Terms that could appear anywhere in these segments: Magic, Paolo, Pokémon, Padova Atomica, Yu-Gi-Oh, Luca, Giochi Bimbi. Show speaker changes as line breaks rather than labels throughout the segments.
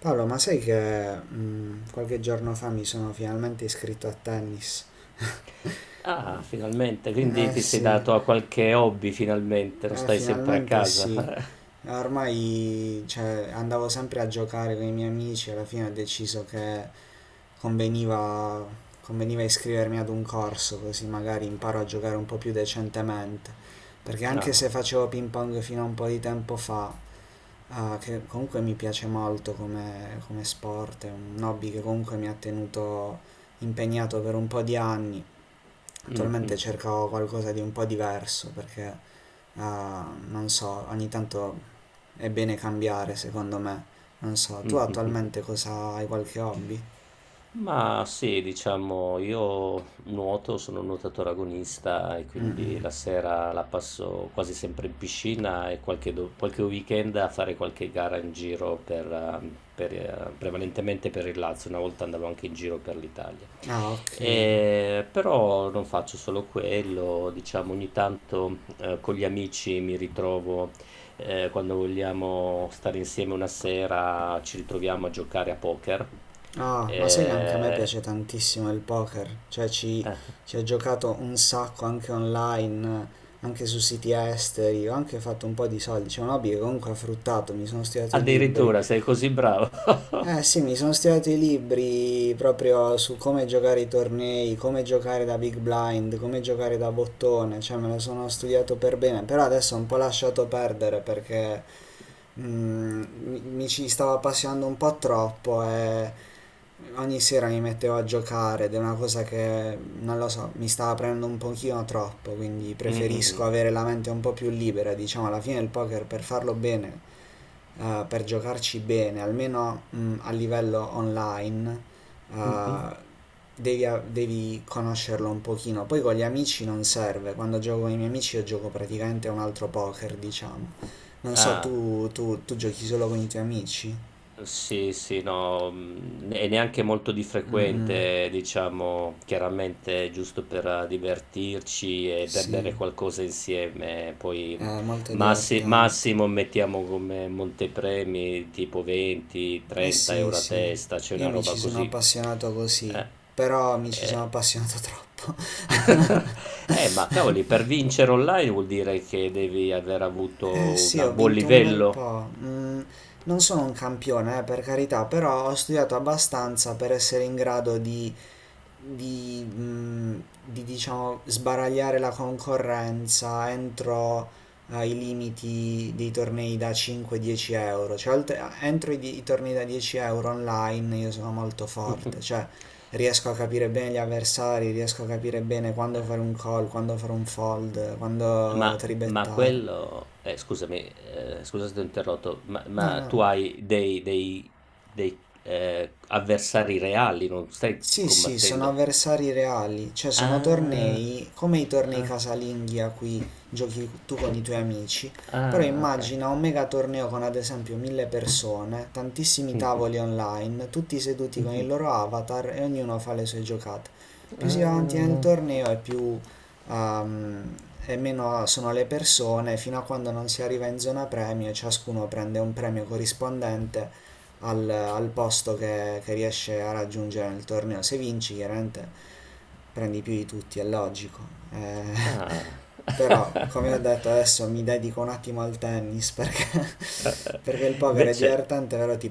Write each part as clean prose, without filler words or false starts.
Paolo, ma sai che qualche giorno fa mi sono finalmente iscritto a tennis?
Ah, finalmente, quindi
Eh
ti sei
sì,
dato a qualche hobby finalmente, non stai sempre a
finalmente
casa.
sì. Ormai, cioè, andavo sempre a giocare con i miei amici, alla fine ho deciso che conveniva, conveniva iscrivermi ad un corso, così magari imparo a giocare un po' più decentemente. Perché anche
Ah.
se facevo ping pong fino a un po' di tempo fa, ah, che comunque mi piace molto come, come sport, è un hobby che comunque mi ha tenuto impegnato per un po' di anni. Attualmente
Mhm.
cerco qualcosa di un po' diverso perché, ah, non so, ogni tanto è bene cambiare secondo me. Non so, tu
Mhm.
attualmente cosa hai qualche hobby?
Ma sì, diciamo, io nuoto, sono un nuotatore agonista e quindi la sera la passo quasi sempre in piscina e qualche weekend a fare qualche gara in giro prevalentemente per il Lazio. Una volta andavo anche in giro per l'Italia.
Ah, ok.
Però non faccio solo quello, diciamo ogni tanto con gli amici mi ritrovo quando vogliamo stare insieme una sera, ci ritroviamo a giocare a poker.
Ah, ma sai che anche a me
Eh,
piace tantissimo il poker, cioè ci ho giocato un sacco anche online, anche su siti esteri, ho anche fatto un po' di soldi, c'è un hobby che comunque ha fruttato, mi sono studiato i libri.
addirittura sei così bravo.
Eh sì, mi sono studiato i libri proprio su come giocare i tornei, come giocare da big blind, come giocare da bottone, cioè me lo sono studiato per bene, però adesso ho un po' lasciato perdere perché mi ci stavo appassionando un po' troppo e ogni sera mi mettevo a giocare ed è una cosa che, non lo so, mi stava prendendo un pochino troppo, quindi
Mm, mm, mm.
preferisco avere la mente un po' più libera, diciamo, alla fine il poker per farlo bene per giocarci bene, almeno a livello online,
Mhm.
eh, devi, devi conoscerlo un pochino. Poi con gli amici non serve, quando gioco con i miei amici io gioco praticamente a un altro poker, diciamo. Non so,
Ah.
tu giochi solo con i tuoi amici?
Sì, sì, no, e neanche molto di
Mm, mm,
frequente, diciamo, chiaramente giusto per divertirci e per
sì,
bere qualcosa insieme. Poi
è molto divertente.
massimo mettiamo come montepremi tipo
Eh
20-30
sì,
euro a
sì,
testa, c'è
io
una
mi ci
roba
sono
così.
appassionato così,
Eh,
però mi ci sono
eh.
appassionato troppo.
Ma cavoli, per vincere online vuol dire che devi aver
Eh
avuto
sì, ho
un buon
vinto un bel
livello.
po'. Non sono un campione, per carità, però ho studiato abbastanza per essere in grado di diciamo, sbaragliare la concorrenza entro i limiti dei tornei da 5-10 euro. Cioè, entro i tornei da 10 euro online io sono molto forte, cioè riesco a capire bene gli avversari, riesco a capire bene quando fare un call, quando fare un fold, quando
Ma
tribettare.
quello scusami, scusa se ti ho interrotto, ma
No,
ma
no.
tu hai dei avversari reali, non stai
Sì, sì, sono
combattendo
avversari reali, cioè sono
ah,
tornei come i tornei
ah,
casalinghi a cui giochi tu con i tuoi amici, però
ah, okay.
immagina un mega torneo con ad esempio mille persone, tantissimi
Mh-mh,
tavoli online, tutti seduti con il
mh-mh.
loro avatar e ognuno fa le sue giocate. Più si va avanti nel
Ah,
torneo e più ehm, e meno sono le persone, fino a quando non si arriva in zona premio, e ciascuno prende un premio corrispondente al, al posto che riesce a raggiungere nel torneo. Se vinci, chiaramente prendi più di tutti, è logico. Eh,
ah.
però, come ho detto, adesso mi dedico un attimo al tennis perché, perché il poker è
Invece
divertente, però ti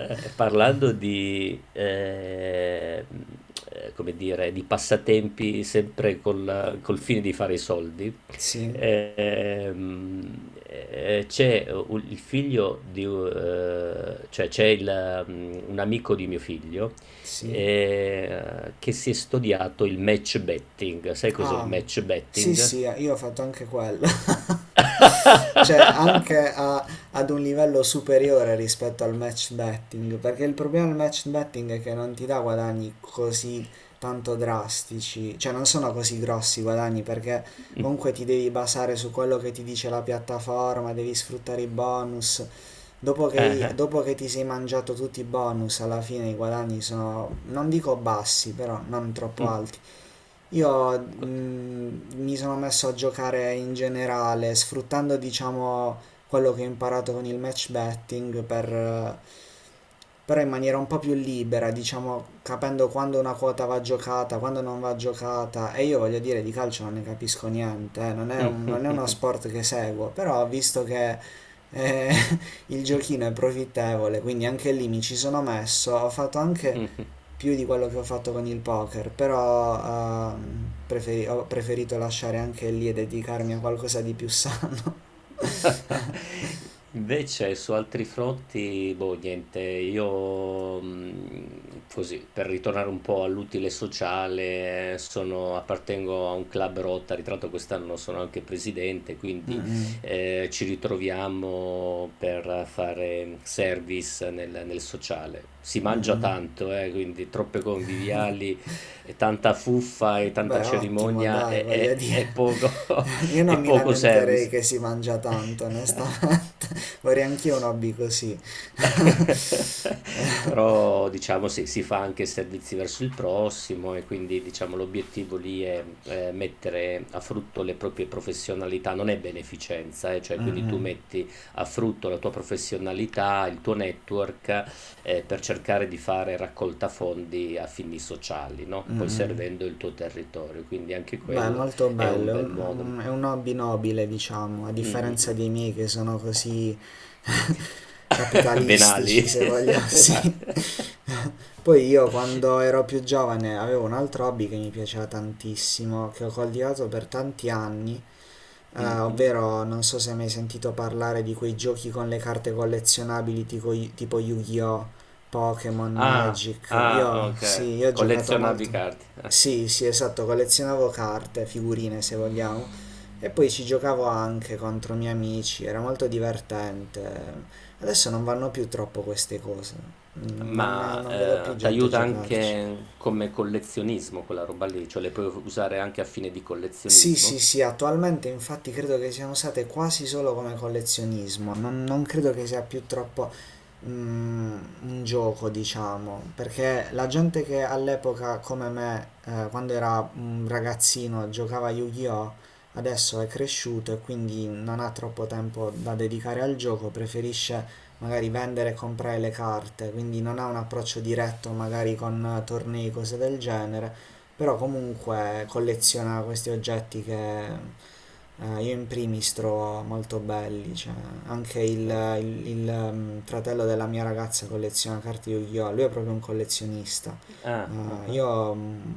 Eh, parlando di, eh, mh, eh, come dire, di passatempi sempre col fine di fare i soldi,
Sì,
c'è il figlio di, cioè c'è un amico di mio figlio
sì.
che si è studiato il match betting. Sai cos'è il
Ah,
match
sì,
betting?
sì, io ho fatto anche quello. Cioè anche ad un livello superiore rispetto al match betting, perché il problema del match betting è che non ti dà guadagni così tanto drastici, cioè non sono così grossi i guadagni perché
Mm,
comunque ti devi basare su quello che ti dice la piattaforma, devi sfruttare i bonus. Dopo che,
eh, eh,
dopo che ti sei mangiato tutti i bonus, alla fine i guadagni sono, non dico bassi, però non troppo
mm,
alti.
eh,
Io
que-
mi sono messo a giocare in generale, sfruttando diciamo quello che ho imparato con il match betting per, però in maniera un po' più libera, diciamo capendo quando una quota va giocata, quando non va giocata. E io voglio dire, di calcio non ne capisco niente, non è
mm,
non è uno sport che seguo, però ho visto che eh, il giochino è profittevole, quindi anche lì mi ci sono messo, ho fatto anche
mm.
più di quello che ho fatto con il poker, però ho preferito lasciare anche lì e dedicarmi a qualcosa di più sano.
Invece su altri fronti, boh, niente, io così, per ritornare un po' all'utile sociale, sono, appartengo a un club Rotary, tra l'altro quest'anno sono anche presidente, quindi
Mm-mm.
ci ritroviamo per fare service nel sociale. Si mangia tanto, quindi troppe conviviali, e tanta fuffa e tanta
Beh, ottimo,
cerimonia
dai,
e,
voglio
e e
dire.
poco,
Io non
e
mi
poco
lamenterei
service.
che si mangia tanto, onestamente. Vorrei anch'io un hobby così.
Però diciamo si fa anche servizi verso il prossimo e quindi diciamo l'obiettivo lì è, mettere a frutto le proprie professionalità, non è beneficenza, cioè quindi tu
Mm-mm,
metti a frutto la tua professionalità, il tuo network per cercare di fare raccolta fondi a fini sociali, no? Poi
mm-mm.
servendo il tuo territorio, quindi anche
Beh,
quello
molto
è
bello,
un
è
bel modo.
un, hobby nobile, diciamo, a
Mm, mm,
differenza
mm.
dei miei che sono così
Venali.
capitalistici, se vogliamo, sì.
Venali.
Poi io quando ero più giovane avevo un altro hobby che mi piaceva tantissimo, che ho coltivato per tanti anni,
Mhm.
ovvero, non so se hai mai sentito parlare di quei giochi con le carte collezionabili tipo Yu-Gi-Oh, Pokémon,
Ah,
Magic.
ah,
Io,
ok.
sì, io ho giocato
Collezionavi
molto.
carte.
Sì, sì, esatto, collezionavo carte, figurine se vogliamo, e poi ci giocavo anche contro miei amici, era molto divertente. Adesso non vanno più troppo queste cose, non,
Ma
non vedo più
ti
gente
aiuta
giocarci.
anche come collezionismo quella roba lì, cioè le puoi usare anche a fine di
Sì, sì,
collezionismo.
sì, attualmente infatti credo che siano usate quasi solo come collezionismo, non, non credo che sia più troppo mm, un gioco, diciamo, perché la gente che all'epoca come me, quando era un ragazzino, giocava a Yu-Gi-Oh! Adesso è cresciuto e quindi non ha troppo tempo da dedicare al gioco, preferisce magari vendere e comprare le carte, quindi non ha un approccio diretto magari con tornei, cose del genere però comunque colleziona questi oggetti che io in primis trovo molto belli, cioè anche il,
Ah,
il- il, ehm, fratello della mia ragazza colleziona carte Yu-Gi-Oh! Lui è proprio un collezionista.
ah, ah,
Eh,
ah.
io, mm,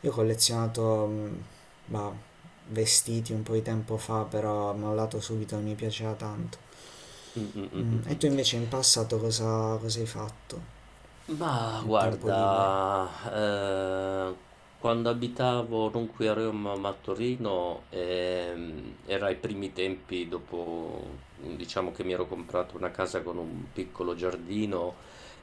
io ho collezionato bah, vestiti un po' di tempo fa, però mi ho dato subito e mi piaceva tanto.
Mm, mm, mm, mm,
E
mm.
tu invece in passato cosa hai fatto
Ma
nel tempo libero?
guarda, quando abitavo non qui a Roma ma a Torino, era ai primi tempi dopo, diciamo che mi ero comprato una casa con un piccolo giardino,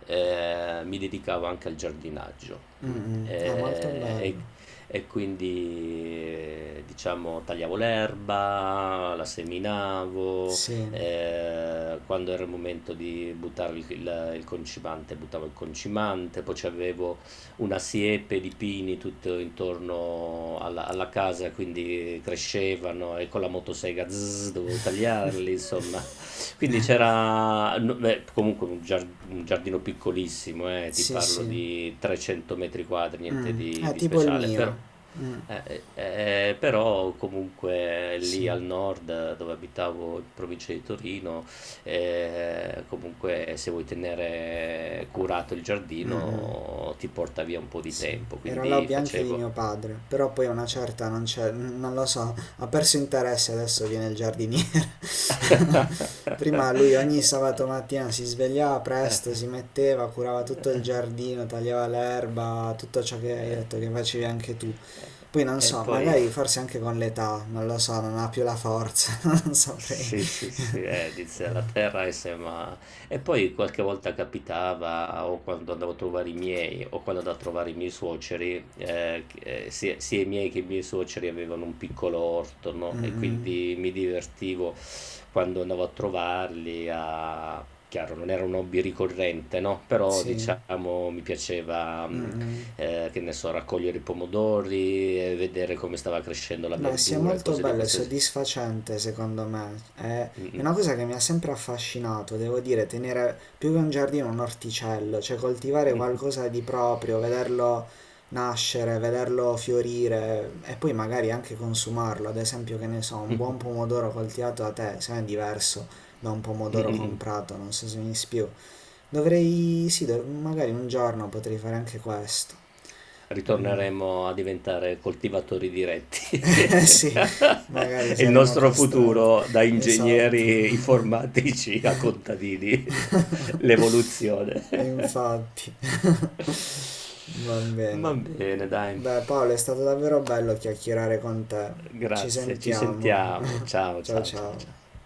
mi dedicavo anche al giardinaggio. Mm.
Mm, mm, è molto
Eh, e,
bello,
e quindi, diciamo, tagliavo l'erba, la seminavo,
sì,
quando era il momento di buttare il concimante, buttavo il concimante, poi c'avevo una siepe di pini tutto intorno alla casa, quindi crescevano e con la motosega zzz, dovevo tagliarli, insomma. Quindi c'era no, beh, comunque un, un giardino piccolissimo, ti
sì,
parlo
sì.
di 300 metri quadri, niente
Mh, è
di
tipo il
speciale, però...
mio. Mh,
Però comunque lì
sì.
al nord dove abitavo in provincia di Torino comunque se vuoi tenere curato il
Mh-mh,
giardino ti porta via un po' di
sì.
tempo,
Era
quindi
l'hobby anche di mio
facevo...
padre, però poi a una certa non c'è n non lo so, ha perso interesse, adesso viene il giardiniere. Prima lui ogni sabato mattina si svegliava presto, si metteva, curava tutto il giardino, tagliava l'erba, tutto ciò che hai detto che facevi anche tu. Poi non
E
so, magari
poi...
forse anche con l'età, non lo so, non ha più la forza, non saprei.
Sì, sì, sì, dice la terra e sembra... E poi qualche volta capitava, o quando andavo a trovare i miei, o quando andavo a trovare i miei suoceri, sia, sia i miei che i miei suoceri avevano un piccolo orto, no? E
Mh-mh,
quindi mi divertivo quando andavo a trovarli a... Chiaro, non era un hobby ricorrente, no? Però,
sì.
diciamo, mi piaceva, mm,
Mh-mh.
che ne so, raccogliere i pomodori, vedere come stava crescendo la
Beh, sì, è
verdura e
molto
cose di
bello e
questo
soddisfacente secondo me. È
genere.
una cosa che mi ha sempre affascinato, devo dire, tenere più che un giardino un orticello, cioè coltivare
Mh-mh.
qualcosa di proprio, vederlo nascere, vederlo fiorire e poi magari anche consumarlo. Ad esempio, che ne so, un buon
Mh-mh-mh.
pomodoro coltivato da te, se no è diverso da un pomodoro
Mh-mh-mh.
comprato, non so se mi spiego. Dovrei, sì, magari un giorno potrei fare anche questo. Mm.
Ritorneremo a diventare coltivatori diretti.
Eh sì, magari
E il
saremo
nostro
costretti.
futuro da
Esatto.
ingegneri informatici a contadini. L'evoluzione.
Infatti. Va bene.
Va bene dai.
Beh, Paolo, è stato davvero bello chiacchierare con te. Ci
Grazie, ci
sentiamo.
sentiamo. Ciao,
Ciao
ciao, ciao,
ciao.
ciao.